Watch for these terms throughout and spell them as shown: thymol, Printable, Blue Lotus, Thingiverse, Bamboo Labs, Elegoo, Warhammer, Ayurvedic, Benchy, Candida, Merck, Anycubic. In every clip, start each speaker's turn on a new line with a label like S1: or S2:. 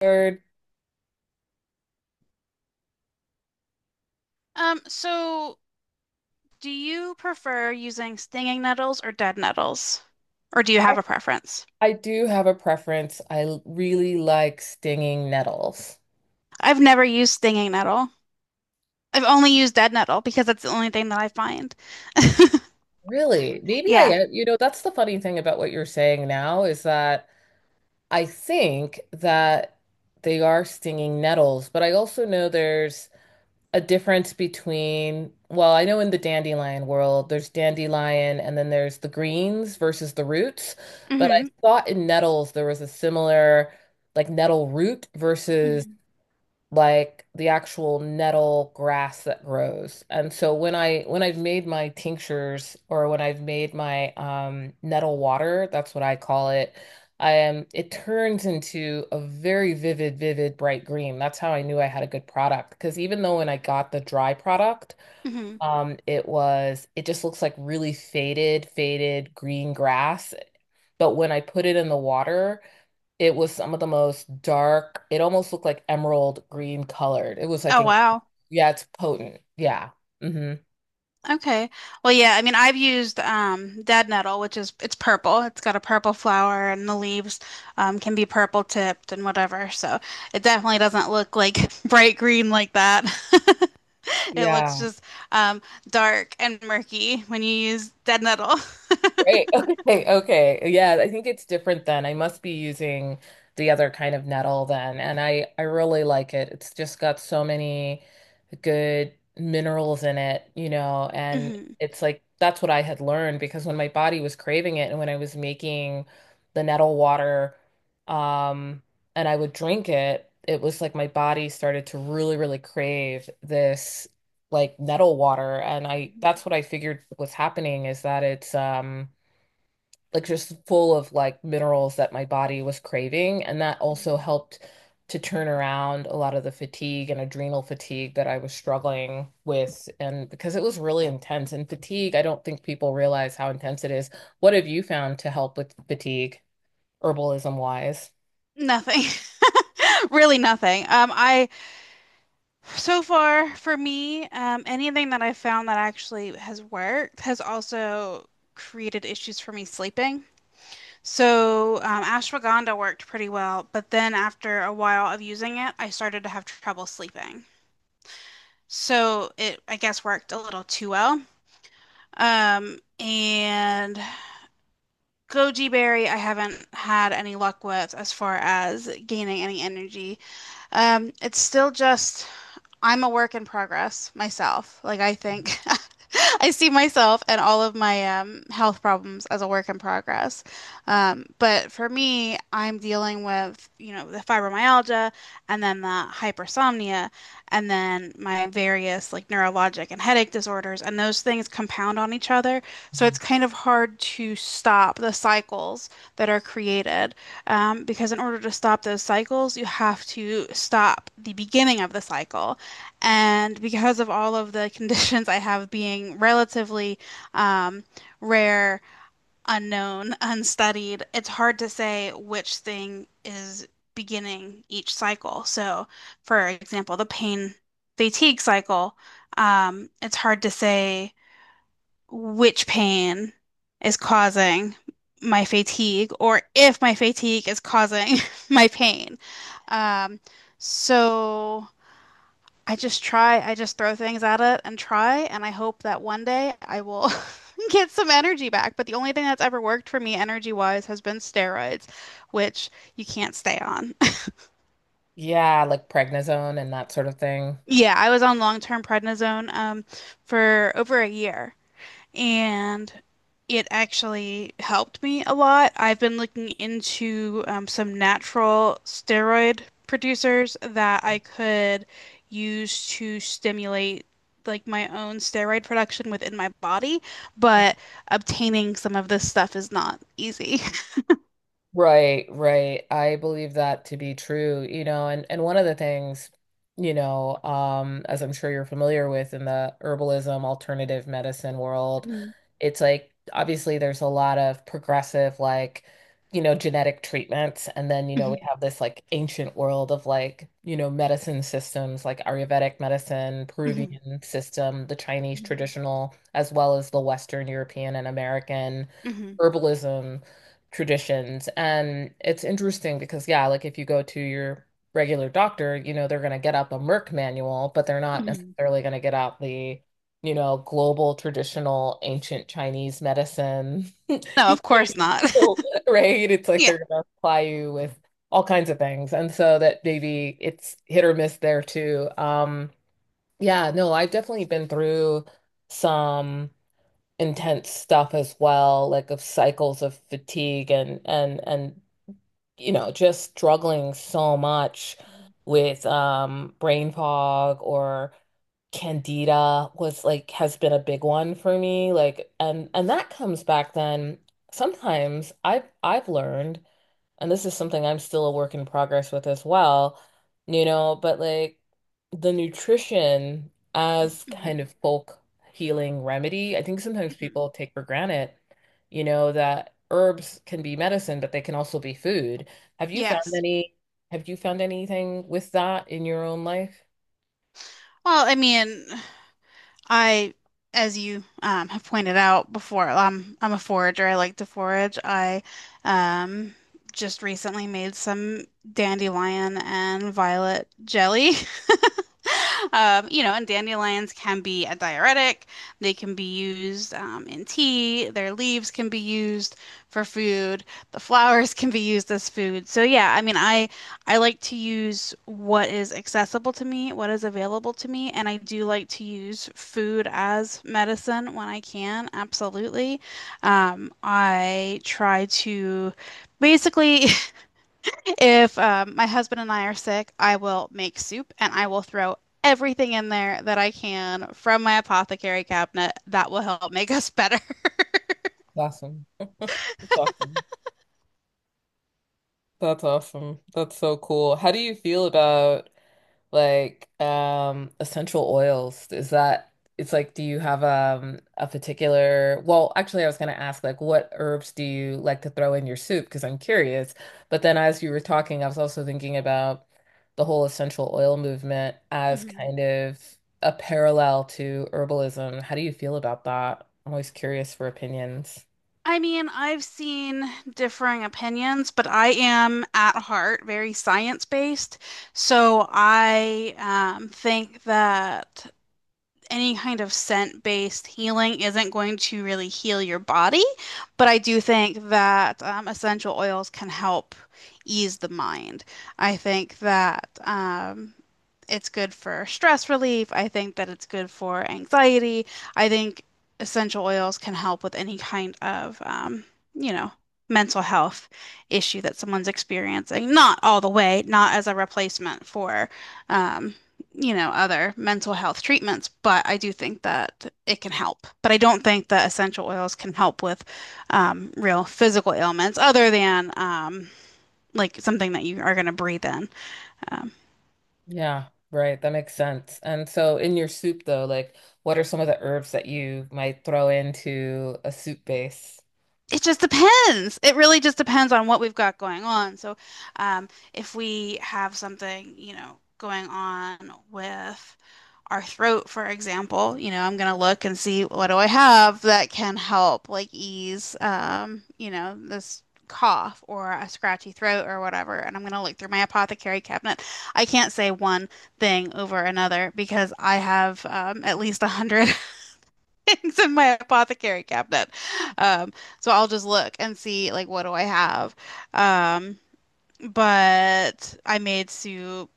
S1: Third,
S2: So do you prefer using stinging nettles or dead nettles? Or do you
S1: I,
S2: have a preference?
S1: I do have a preference. I really like stinging nettles.
S2: I've never used stinging nettle. I've only used dead nettle because that's the only thing that I find.
S1: Really? Maybe I
S2: Yeah.
S1: am. You know, that's the funny thing about what you're saying now is that I think that they are stinging nettles, but I also know there's a difference between, well, I know in the dandelion world, there's dandelion and then there's the greens versus the roots. But I
S2: hmm
S1: thought in nettles there was a similar, like nettle root versus
S2: hmm
S1: like the actual nettle grass that grows. And so when I when I've made my tinctures or when I've made my nettle water, that's what I call it, I am it turns into a very vivid, vivid bright green. That's how I knew I had a good product because even though when I got the dry product,
S2: hmm
S1: it was, it just looks like really faded, faded green grass. But when I put it in the water, it was some of the most dark. It almost looked like emerald green colored. It was like,
S2: Oh, wow.
S1: yeah, it's potent. Yeah. Hmm.
S2: Okay. Well, yeah, I mean, I've used dead nettle, which is it's purple. It's got a purple flower, and the leaves can be purple tipped and whatever. So it definitely doesn't look like bright green like that. It looks
S1: Yeah.
S2: just um, dark and murky when you use dead nettle.
S1: Right. Okay. Okay. Yeah, I think it's different then. I must be using the other kind of nettle then, and I really like it. It's just got so many good minerals in it, you know, and
S2: Mhm.
S1: it's like that's what I had learned because when my body was craving it and when I was making the nettle water, um, and I would drink it, it was like my body started to really, really crave this like nettle water, and I that's what I figured was happening, is that it's like just full of like minerals that my body was craving. And that also helped to turn around a lot of the fatigue and adrenal fatigue that I was struggling with. And because it was really intense and fatigue, I don't think people realize how intense it is. What have you found to help with fatigue, herbalism wise?
S2: Nothing, really nothing. I so far for me, anything that I found that actually has worked has also created issues for me sleeping. So, ashwagandha worked pretty well, but then after a while of using it, I started to have trouble sleeping. So it, I guess, worked a little too well. And goji berry, I haven't had any luck with as far as gaining any energy. It's still just I'm a work in progress myself. Like I think I see myself and all of my health problems as a work in progress. But for me, I'm dealing with, you know, the fibromyalgia and then the hypersomnia and then my various like neurologic and headache disorders. And those things compound on each other. So it's
S1: Mhm.
S2: kind of hard to stop the cycles that are created. Because in order to stop those cycles, you have to stop the beginning of the cycle. And because of all of the conditions I have being relatively um, rare, unknown, unstudied, it's hard to say which thing is beginning each cycle. So, for example, the pain fatigue cycle, it's hard to say which pain is causing my fatigue or if my fatigue is causing my pain. Um, so. I just throw things at it and try, and I hope that one day I will get some energy back. But the only thing that's ever worked for me energy-wise has been steroids, which you can't stay on.
S1: Yeah, like prednisone and that sort of thing.
S2: Yeah, I was on long-term prednisone for over a year. And it actually helped me a lot. I've been looking into some natural steroid producers that I could use to stimulate like my own steroid production within my body, but obtaining some of this stuff is not easy.
S1: Right, right. I believe that to be true, you know, and one of the things, as I'm sure you're familiar with in the herbalism alternative medicine world,
S2: Mhm,
S1: it's like obviously there's a lot of progressive, like, you know, genetic treatments, and then, you know, we
S2: mhm,
S1: have this like ancient world of like, you know, medicine systems like Ayurvedic medicine,
S2: mhm,
S1: Peruvian system, the Chinese traditional, as well as the Western European and American
S2: mhm, mhm,
S1: herbalism traditions. And it's interesting because, yeah, like if you go to your regular doctor, you know, they're going to get out the Merck manual, but they're not
S2: mhm.
S1: necessarily going to get out the, you know, global traditional ancient Chinese medicine.
S2: No,
S1: You
S2: of course not.
S1: know, right? It's like
S2: Yeah.
S1: they're going to apply you with all kinds of things. And so that maybe it's hit or miss there too. Yeah, no, I've definitely been through some intense stuff as well, like of cycles of fatigue and you know, just struggling so much
S2: Mhm,
S1: with brain fog, or Candida was like has been a big one for me, like, and that comes back then sometimes. I've learned, and this is something I'm still a work in progress with as well, you know, but like the nutrition as
S2: mhm,
S1: kind of folk healing remedy, I think sometimes
S2: mhm.
S1: people take for granted, you know, that herbs can be medicine, but they can also be food. Have you found
S2: Yes.
S1: any, have you found anything with that in your own life?
S2: Well, I mean. I, as you have pointed out before, I'm a forager. I like to forage. I um, just recently made some dandelion and violet jelly. You know, and dandelions can be a diuretic. They can be used in tea. Their leaves can be used for food. The flowers can be used as food. So yeah, I mean, I like to use what is accessible to me, what is available to me, and I do like to use food as medicine when I can, absolutely. I try to basically if my husband and I are sick, I will make soup and I will throw everything in there that I can from my apothecary cabinet. That will help make us better.
S1: Awesome. That's awesome. That's awesome. That's so cool. How do you feel about, like, essential oils. Is that it's like do you have a particular, well, actually I was gonna ask, like, what herbs do you like to throw in your soup? Because I'm curious. But then as you were talking, I was also thinking about the whole essential oil movement as
S2: Mhm.
S1: kind of a parallel to herbalism. How do you feel about that? I'm always curious for opinions.
S2: I mean, I've seen differing opinions, but I am at heart very science-based. So I think that any kind of scent-based healing isn't going to really heal your body, but I do think that essential oils can help ease the mind. I think that it's good for stress relief. I think that it's good for anxiety. I think essential oils can help with any kind of, you know, mental health issue that someone's experiencing. Not all the way, not as a replacement for um, you know, other mental health treatments, but I do think that it can help. But I don't think that essential oils can help with real physical ailments other than like something that you are going to breathe in. Um,
S1: Yeah, right. That makes sense. And so in your soup though, like, what are some of the herbs that you might throw into a soup base?
S2: It just depends. It really just depends on what we've got going on. So, if we have something, you know, going on with our throat, for example, you know, I'm gonna look and see what do I have that can help, like ease, you know, this cough or a scratchy throat or whatever. And I'm gonna look through my apothecary cabinet. I can't say one thing over another because I have at least a hundred things in my apothecary cabinet. Um, so I'll just look and see like what do I have. Um, but I made soup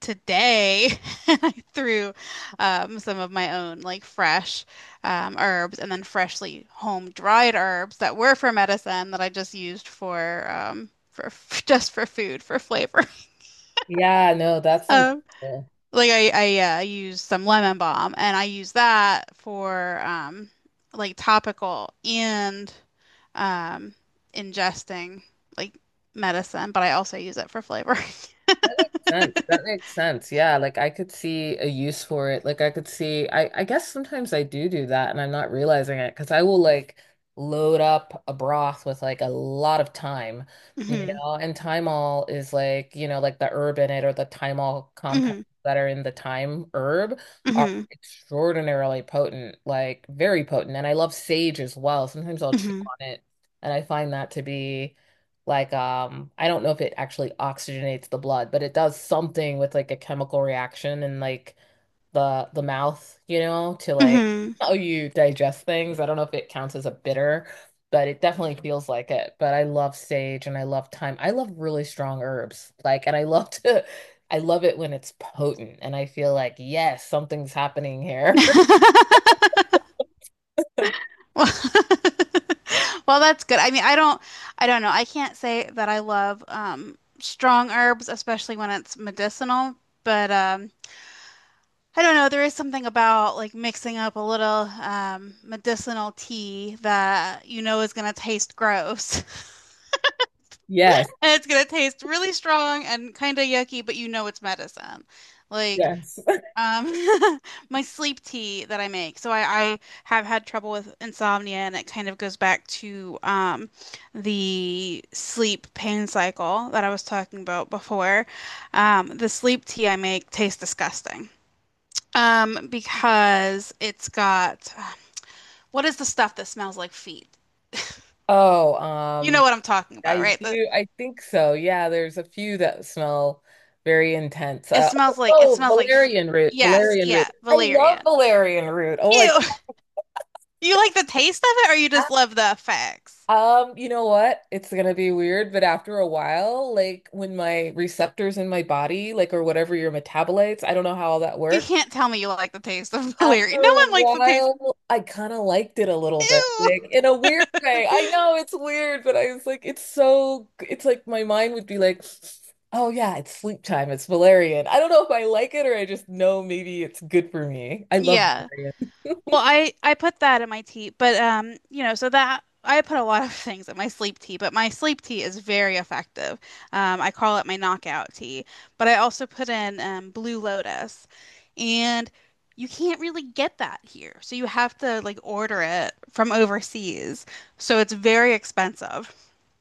S2: today and I threw some of my own like fresh herbs and then freshly home dried herbs that were for medicine that I just used for for just for food for flavor.
S1: Yeah, no, that's
S2: Um,
S1: incredible.
S2: Like I use some lemon balm and I use that for like topical and um ingesting like medicine, but I also use it for flavor.
S1: Sense. That makes sense. Yeah, like I could see a use for it. Like I could see, I guess sometimes I do do that and I'm not realizing it because I will like load up a broth with like a lot of thyme, you
S2: hmm
S1: know, and thymol is like, you know, like the herb in it, or the thymol compounds
S2: hmm
S1: that are in the thyme herb are
S2: hmm
S1: extraordinarily potent, like very potent. And I love sage as well. Sometimes I'll chew
S2: hmm
S1: on it and I find that to be like, I don't know if it actually oxygenates the blood, but it does something with like a chemical reaction in like the mouth, you know, to like
S2: hmm
S1: how you digest things. I don't know if it counts as a bitter, but it definitely feels like it. But I love sage and I love thyme. I love really strong herbs. Like, and I love to I love it when it's potent and I feel like yes, something's happening here.
S2: Well, well, that's good. I mean, I don't know. I can't say that I love strong herbs, especially when it's medicinal, but I don't know. There is something about like mixing up a little medicinal tea that you know is going to taste gross.
S1: Yes,
S2: And it's going to taste really strong and kind of yucky, but you know it's medicine. Like
S1: yes.
S2: um, my sleep tea that I make. So I have had trouble with insomnia, and it kind of goes back to the sleep pain cycle that I was talking about before. The sleep tea I make tastes disgusting. Because it's got what is the stuff that smells like feet?
S1: Oh,
S2: You know what I'm talking about,
S1: I
S2: right? The
S1: do. I think so. Yeah, there's a few that smell very intense. Oh,
S2: it
S1: oh,
S2: smells like feet.
S1: valerian root,
S2: Yes,
S1: valerian root.
S2: yeah,
S1: I love
S2: valerian.
S1: valerian root. Oh my
S2: Ew. You like the taste of it or you
S1: God.
S2: just love the effects?
S1: You know what? It's gonna be weird, but after a while, like when my receptors in my body, like, or whatever, your metabolites, I don't know how all that
S2: You
S1: works.
S2: can't tell me you like the taste of
S1: After
S2: valerian. No
S1: a
S2: one likes the taste.
S1: while, I kind of liked it a little bit,
S2: Ew.
S1: like in a weird way. I know it's weird, but I was like, it's so, it's like my mind would be like, oh yeah, it's sleep time, it's valerian. I don't know if I like it or I just know maybe it's good for me. I love
S2: Yeah.
S1: valerian.
S2: Well, I put that in my tea, but you know, so that I put a lot of things in my sleep tea, but my sleep tea is very effective. I call it my knockout tea, but I also put in Blue Lotus, and you can't really get that here, so you have to like order it from overseas, so it's very expensive.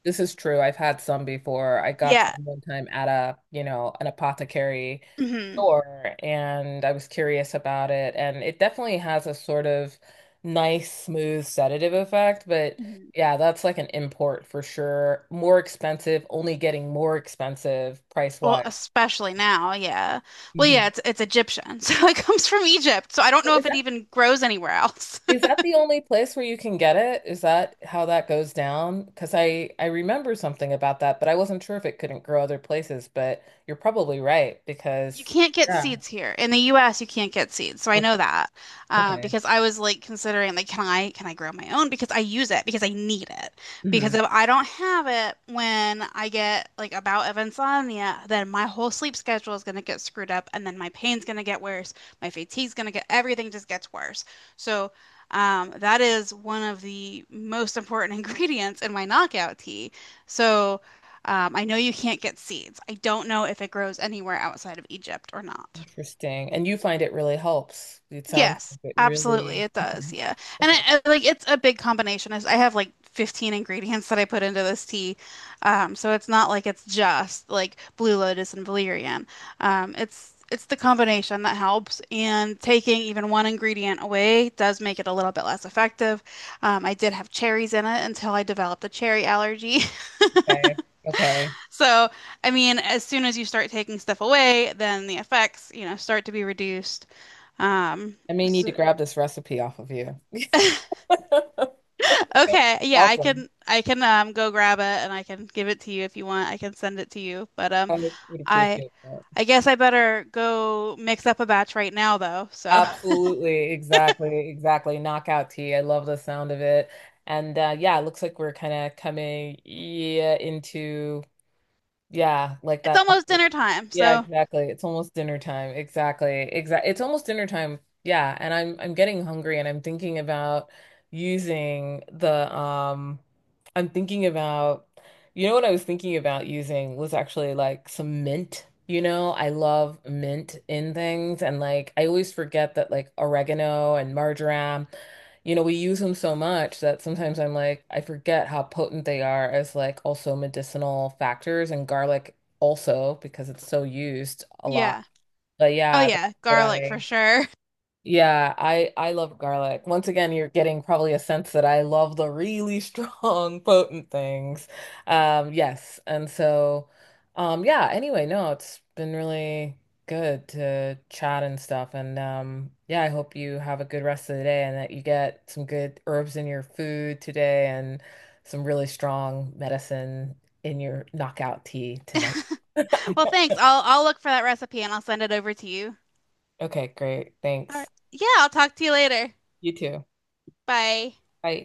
S1: This is true. I've had some before. I got
S2: Yeah.
S1: them one time at a, you know, an apothecary
S2: hmm
S1: store, and I was curious about it. And it definitely has a sort of nice, smooth sedative effect. But
S2: hmm
S1: yeah, that's like an import for sure. More expensive, only getting more expensive
S2: Well,
S1: price-wise.
S2: especially now, yeah. Well,
S1: Hmm.
S2: yeah, it's Egyptian, so it comes from Egypt, so I don't know if it even grows anywhere else.
S1: Is that the only place where you can get it? Is that how that goes down? Because I remember something about that, but I wasn't sure if it couldn't grow other places. But you're probably right
S2: You
S1: because,
S2: can't get
S1: yeah.
S2: seeds here. In the US, you can't get seeds. So I
S1: Okay,
S2: know that.
S1: okay.
S2: Because I was like considering like can I grow my own because I use it because I need it. Because
S1: Hmm.
S2: if I don't have it when I get like a bout of insomnia, then my whole sleep schedule is going to get screwed up and then my pain's going to get worse, my fatigue's going to get everything just gets worse. So that is one of the most important ingredients in my knockout tea. So I know you can't get seeds. I don't know if it grows anywhere outside of Egypt or not.
S1: Interesting. And you find it really helps. It sounds
S2: Yes,
S1: like it
S2: absolutely,
S1: really.
S2: it does.
S1: Mhm.
S2: Yeah, and
S1: That's
S2: like it's a big combination. Is I have like 15 ingredients that I put into this tea, so it's not like it's just like blue lotus and valerian. It's the combination that helps, and taking even one ingredient away does make it a little bit less effective. I did have cherries in it until I developed a cherry allergy.
S1: okay. Okay.
S2: So, I mean, as soon as you start taking stuff away, then the effects, you know, start to be reduced. Um,
S1: I may need to
S2: so,
S1: grab this recipe off of you.
S2: okay, yeah, I
S1: Awesome.
S2: can I can go grab it and I can give it to you if you want. I can send it to you. But
S1: I would
S2: I
S1: appreciate that.
S2: I guess I better go mix up a batch right now though. So,
S1: Absolutely, exactly, exactly. Knockout tea. I love the sound of it. And yeah, it looks like we're kind of coming, yeah, into, yeah, like
S2: it's
S1: that.
S2: almost dinner time.
S1: Yeah,
S2: So,
S1: exactly. It's almost dinner time. Exactly. Exactly. It's almost dinner time. Yeah, and I'm getting hungry and I'm thinking about using the I'm thinking about, you know what I was thinking about using was actually like some mint. You know, I love mint in things and like I always forget that like oregano and marjoram, you know, we use them so much that sometimes I'm like I forget how potent they are as like also medicinal factors, and garlic also because it's so used a lot.
S2: yeah.
S1: But
S2: Oh
S1: yeah, that's
S2: yeah,
S1: what
S2: garlic for
S1: I,
S2: sure.
S1: yeah, I love garlic. Once again, you're getting probably a sense that I love the really strong, potent things. Yes. And so, yeah, anyway, no, it's been really good to chat and stuff. And yeah, I hope you have a good rest of the day and that you get some good herbs in your food today and some really strong medicine in your knockout tea tonight.
S2: Well, thanks. I'll look for that recipe and I'll send it over to you.
S1: Okay, great.
S2: All
S1: Thanks.
S2: right. Yeah, I'll talk to you later.
S1: You too.
S2: Bye.
S1: Bye.